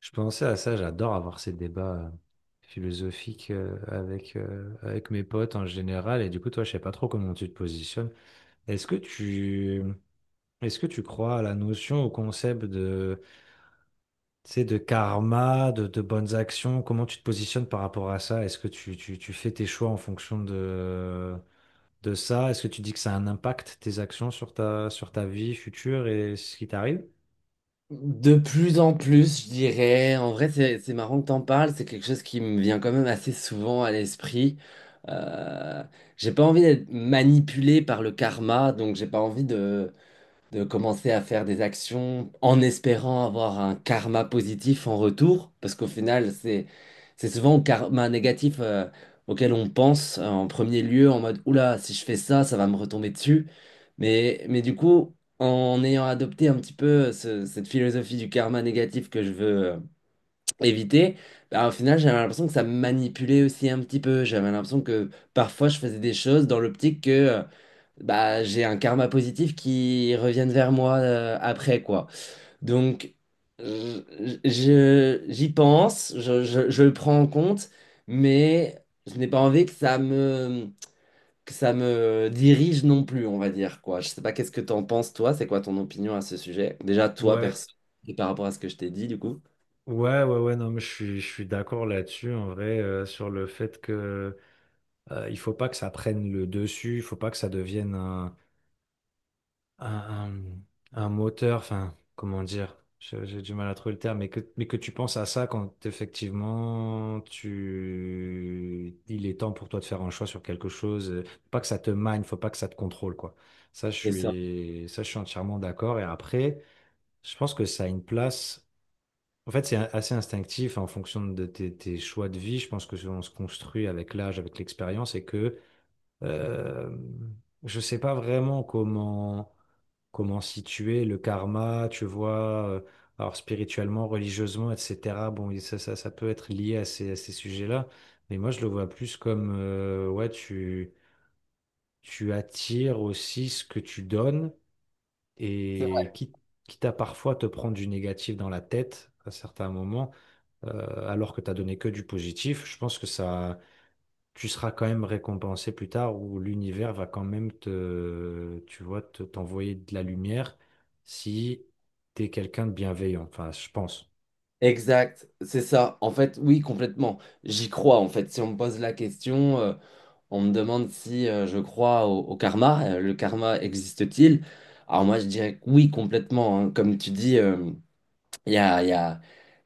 Je pensais à ça, j'adore avoir ces débats philosophiques avec mes potes en général. Et du coup, toi, je sais pas trop comment tu te positionnes. Est-ce que tu, est-ce que tu crois à la notion, au concept de, tu sais, de karma, de bonnes actions? Comment tu te positionnes par rapport à ça? Est-ce que tu fais tes choix en fonction de ça? Est-ce que tu dis que ça a un impact, tes actions, sur ta, vie future et ce qui t'arrive? De plus en plus, je dirais. En vrai, c'est marrant que t'en parles. C'est quelque chose qui me vient quand même assez souvent à l'esprit. Euh, j'ai pas envie d'être manipulé par le karma, donc j'ai pas envie de commencer à faire des actions en espérant avoir un karma positif en retour, parce qu'au final, c'est souvent au karma négatif auquel on pense en premier lieu, en mode oula, si je fais ça, ça va me retomber dessus. Mais du coup, en ayant adopté un petit peu cette philosophie du karma négatif que je veux éviter, bah, au final, j'avais l'impression que ça me manipulait aussi un petit peu. J'avais l'impression que parfois, je faisais des choses dans l'optique que bah, j'ai un karma positif qui revienne vers moi après, quoi. Donc, je, j'y pense, je le prends en compte, mais je n'ai pas envie que ça me dirige non plus, on va dire, quoi. Je sais pas qu'est-ce que t'en penses, toi, c'est quoi ton opinion à ce sujet? Déjà, toi, Ouais, perso, et par rapport à ce que je t'ai dit, du coup. ouais, ouais, ouais, non, mais je suis d'accord là-dessus, en vrai, sur le fait que il faut pas que ça prenne le dessus, il faut pas que ça devienne un, un- un moteur, enfin, comment dire, j'ai du mal à trouver le terme, mais que tu penses à ça quand effectivement il est temps pour toi de faire un choix sur quelque chose, faut pas que ça te mine, faut pas que ça te contrôle, quoi. Ça, je Et ça. suis, ça, je suis entièrement d'accord. Et après, je pense que ça a une place. En fait, c'est assez instinctif en fonction de tes choix de vie. Je pense que on se construit avec l'âge, avec l'expérience, et que euh, je sais pas vraiment comment situer le karma, tu vois. Alors spirituellement, religieusement, etc. Bon, et ça peut être lié à ces, sujets-là, mais moi je le vois plus comme ouais, tu attires aussi ce que tu donnes C'est et vrai. quitte à parfois te prendre du négatif dans la tête à certains moments alors que tu as donné que du positif, je pense que ça, tu seras quand même récompensé plus tard ou l'univers va quand même tu vois, t'envoyer de la lumière si tu es quelqu'un de bienveillant, enfin, je pense. Exact, c'est ça. En fait, oui, complètement. J'y crois, en fait. Si on me pose la question, on me demande si je crois au karma, le karma existe-t-il? Alors moi, je dirais que oui, complètement, hein. Comme tu dis, il y a, il y a-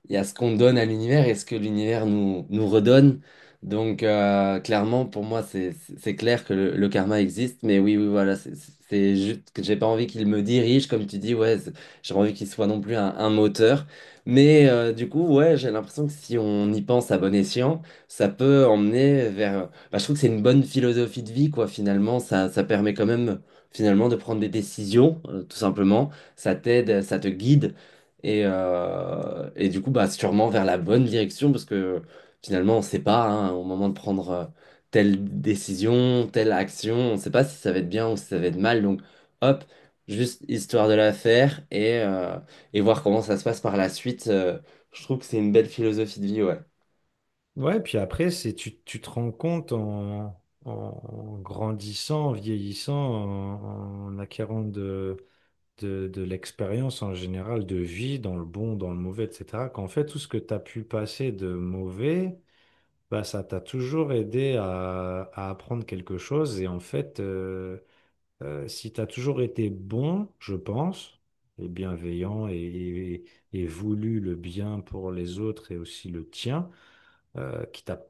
il y a ce qu'on donne à l'univers et ce que l'univers nous redonne. Donc, clairement, pour moi, c'est clair que le karma existe. Mais oui, oui, voilà, c'est juste que j'ai pas envie qu'il me dirige, comme tu dis, ouais, j'ai pas envie qu'il soit non plus un moteur. Mais du coup, ouais, j'ai l'impression que si on y pense à bon escient, ça peut emmener vers bah, je trouve que c'est une bonne philosophie de vie, quoi, finalement. Ça permet quand même, finalement, de prendre des décisions, tout simplement. Ça t'aide, ça te guide. Et du coup, bah, sûrement vers la bonne direction, parce que finalement, on ne sait pas, hein, au moment de prendre telle décision, telle action, on ne sait pas si ça va être bien ou si ça va être mal. Donc, hop, juste histoire de la faire et et voir comment ça se passe par la suite. Je trouve que c'est une belle philosophie de vie, ouais. Ouais, puis après, tu te rends compte en, en, grandissant, en vieillissant, en, en, acquérant de l'expérience en général de vie, dans le bon, dans le mauvais, etc., qu'en fait, tout ce que tu as pu passer de mauvais, bah, ça t'a toujours aidé à apprendre quelque chose. Et en fait, si tu as toujours été bon, je pense, et bienveillant et voulu le bien pour les autres et aussi le tien, quitte à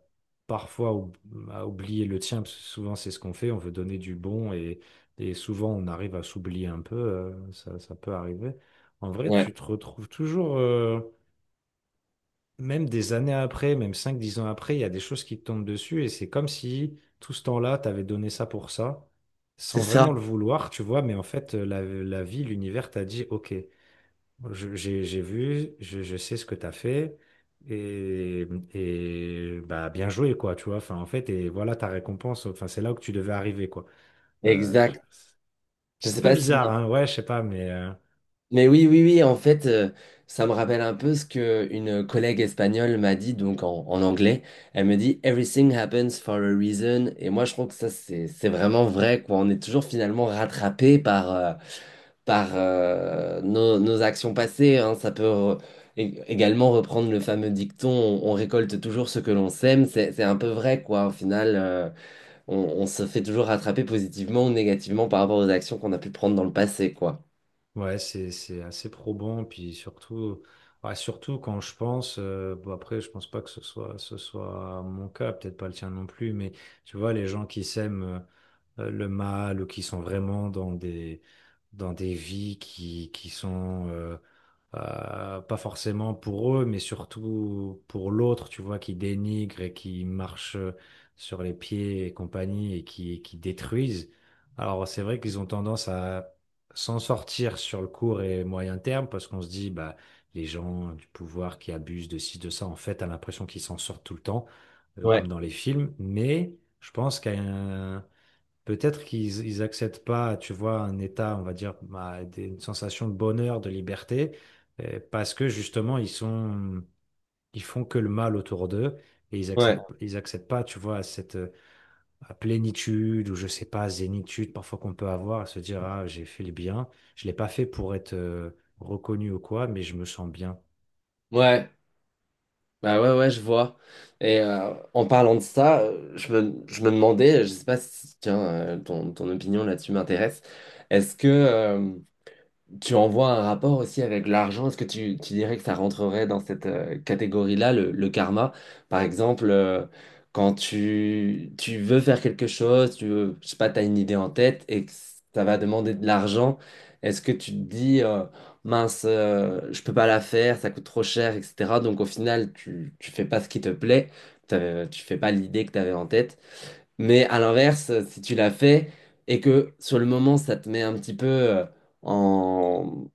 parfois à oublier le tien, parce que souvent c'est ce qu'on fait, on veut donner du bon et souvent on arrive à s'oublier un peu, ça peut arriver. En vrai, Ouais, tu te retrouves toujours. Même des années après, même 5, 10 ans après, il y a des choses qui te tombent dessus et c'est comme si tout ce temps-là, t'avais donné ça pour ça, sans c'est vraiment ça. le vouloir, tu vois, mais en fait, la vie, l'univers t'a dit, OK, j'ai vu, je sais ce que t'as fait et, et bah, bien joué, quoi, tu vois, enfin, en fait, et voilà ta récompense, enfin, c'est là où tu devais arriver, quoi. Euh, je- Exact. Je c'est un sais peu pas si bizarre, hein, ouais, je sais pas, mais. Mais oui, oui, oui, en fait, ça me rappelle un peu ce que une collègue espagnole m'a dit, donc en anglais. Elle me dit: Everything happens for a reason. Et moi, je trouve que ça, c'est vraiment vrai, quoi. On est toujours finalement rattrapé par, par nos actions passées, hein. Ça peut également reprendre le fameux dicton: on récolte toujours ce que l'on sème. C'est un peu vrai, quoi. Au final, on se fait toujours rattraper positivement ou négativement par rapport aux actions qu'on a pu prendre dans le passé, quoi. Ouais, c'est assez probant, puis surtout, ouais, surtout quand je pense, bon après, je pense pas que ce soit mon cas, peut-être pas le tien non plus, mais tu vois, les gens qui s'aiment le mal ou qui sont vraiment dans des vies qui sont, pas forcément pour eux, mais surtout pour l'autre, tu vois, qui dénigre et qui marche sur les pieds et compagnie et qui détruisent. Alors c'est vrai qu'ils ont tendance à s'en sortir sur le court et moyen terme parce qu'on se dit, bah, les gens du pouvoir qui abusent de ci, de ça, en fait, t'as l'impression qu'ils s'en sortent tout le temps, comme Ouais, dans les films, mais je pense qu'à un. Peut-être qu'ils acceptent pas, tu vois, un état, on va dire, bah, une sensation de bonheur, de liberté, parce que justement, ils font que le mal autour d'eux et ouais, ils acceptent pas, tu vois, cette plénitude ou je sais pas, zénitude parfois qu'on peut avoir, à se dire, ah, j'ai fait le bien, je l'ai pas fait pour être reconnu ou quoi, mais je me sens bien. ouais. Bah ouais, ouais, je vois. Et en parlant de ça, je me demandais, je sais pas si, tiens, ton opinion là-dessus m'intéresse. Est-ce que tu envoies un rapport aussi avec l'argent. Est-ce que tu dirais que ça rentrerait dans cette catégorie-là, le karma? Par exemple, quand tu veux faire quelque chose, tu veux, je sais pas, tu as une idée en tête et que ça va demander de l'argent, est-ce que tu te dis, mince, je peux pas la faire, ça coûte trop cher, etc. Donc au final, tu fais pas ce qui te plaît, tu fais pas l'idée que tu avais en tête. Mais à l'inverse, si tu l'as fait et que sur le moment, ça te met un petit peu en,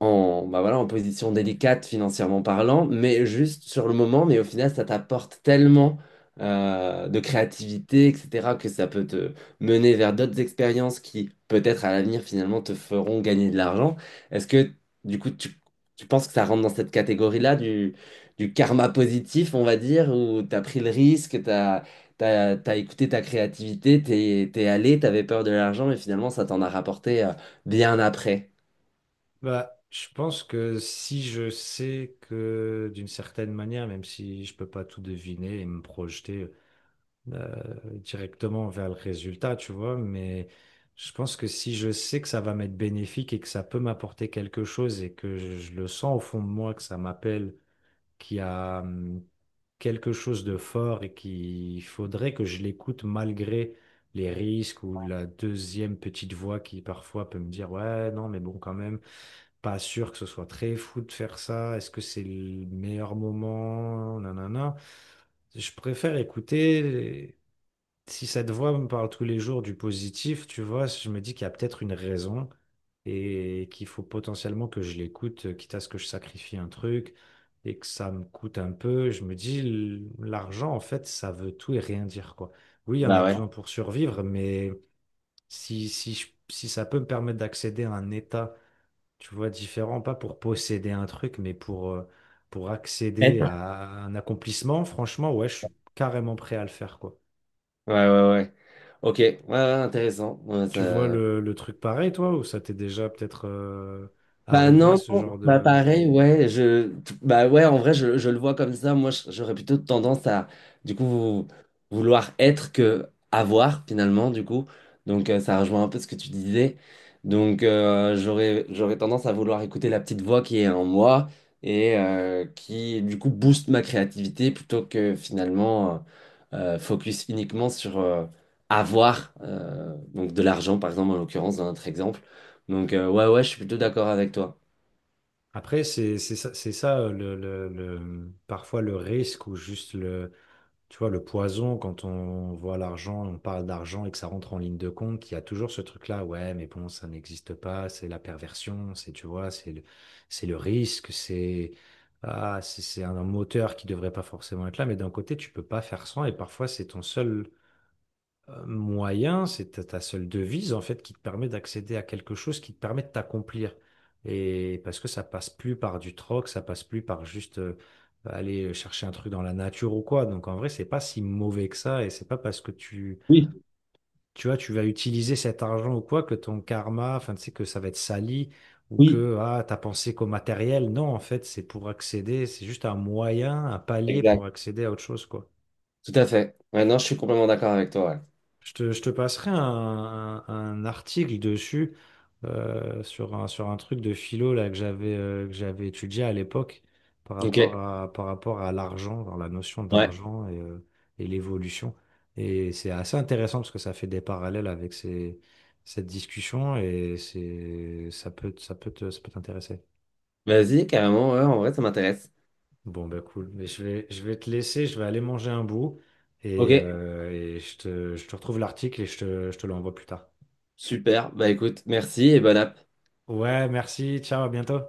en, bah voilà, en position délicate financièrement parlant, mais juste sur le moment, mais au final, ça t'apporte tellement de créativité, etc., que ça peut te mener vers d'autres expériences qui, peut-être à l'avenir, finalement, te feront gagner de l'argent. Est-ce que, du coup, tu penses que ça rentre dans cette catégorie-là du karma positif, on va dire, où t'as pris le risque, t'as T'as, t'as écouté ta créativité, t'es allé, t'avais peur de l'argent, mais finalement, ça t'en a rapporté bien après. Bah, je pense que si je sais que d'une certaine manière, même si je peux pas tout deviner et me projeter. Directement vers le résultat, tu vois, mais je pense que si je sais que ça va m'être bénéfique et que ça peut m'apporter quelque chose et que je le sens au fond de moi, que ça m'appelle, qu'il y a quelque chose de fort et qu'il faudrait que je l'écoute malgré les risques ou la deuxième petite voix qui parfois peut me dire, ouais, non, mais bon, quand même, pas sûr que ce soit très fou de faire ça, est-ce que c'est le meilleur moment, nanana. Je préfère écouter si cette voix me parle tous les jours du positif, tu vois, je me dis qu'il y a peut-être une raison et qu'il faut potentiellement que je l'écoute, quitte à ce que je sacrifie un truc et que ça me coûte un peu. Je me dis, l'argent, en fait, ça veut tout et rien dire, quoi. Oui, il y en a Bah ouais. besoin pour survivre, mais si ça peut me permettre d'accéder à un état, tu vois, différent, pas pour posséder un truc, mais pour accéder Être à un accomplissement, franchement, ouais, je suis carrément prêt à le faire, quoi. ouais, ouais, ouais. Ok, ouais, ouais, intéressant. Ouais, Tu vois ça le truc pareil, toi, ou ça t'est déjà peut-être Bah arrivé, non, ce genre bah de. pareil, ouais, bah ouais, en vrai, je le vois comme ça. Moi, j'aurais plutôt tendance à, du coup, vouloir être que avoir finalement, du coup. Donc, ça rejoint un peu ce que tu disais. Donc, j'aurais tendance à vouloir écouter la petite voix qui est en moi et qui, du coup, booste ma créativité plutôt que finalement focus uniquement sur avoir, donc de l'argent, par exemple, en l'occurrence, dans notre exemple. Donc, ouais, ouais, je suis plutôt d'accord avec toi. Après, c'est ça, c'est ça le parfois le risque ou juste le, tu vois, le poison quand on voit l'argent, on parle d'argent et que ça rentre en ligne de compte, il y a toujours ce truc-là, ouais, mais bon, ça n'existe pas, c'est la perversion, c'est, tu vois, c'est le risque, c'est ah, c'est un moteur qui devrait pas forcément être là, mais d'un côté, tu peux pas faire sans et parfois, c'est ton seul moyen, c'est ta seule devise en fait qui te permet d'accéder à quelque chose qui te permet de t'accomplir. Et parce que ça passe plus par du troc, ça passe plus par juste aller chercher un truc dans la nature ou quoi. Donc en vrai, c'est pas si mauvais que ça et c'est pas parce que Oui, tu vois, tu vas utiliser cet argent ou quoi que ton karma, enfin tu sais que ça va être sali ou oui, que ah, t'as pensé qu'au matériel. Non, en fait, c'est pour accéder, c'est juste un moyen, un palier exact. pour accéder à autre chose quoi. Tout à fait. Ouais, non, je suis complètement d'accord avec toi. Je te passerai un article dessus sur un truc de philo là, que j'avais étudié à l'époque par Ouais. rapport Ok, à, par rapport à l'argent, dans la notion ouais. d'argent et l'évolution. Et c'est assez intéressant parce que ça fait des parallèles avec cette discussion et ça peut t'intéresser. Vas-y, carrément, ouais, en vrai, ça m'intéresse. Bon, bah cool. Mais je vais te laisser, je vais aller manger un bout Ok, et je te retrouve l'article et je te l'envoie plus tard. super. Bah écoute, merci et bonne app. Ouais, merci. Ciao, à bientôt.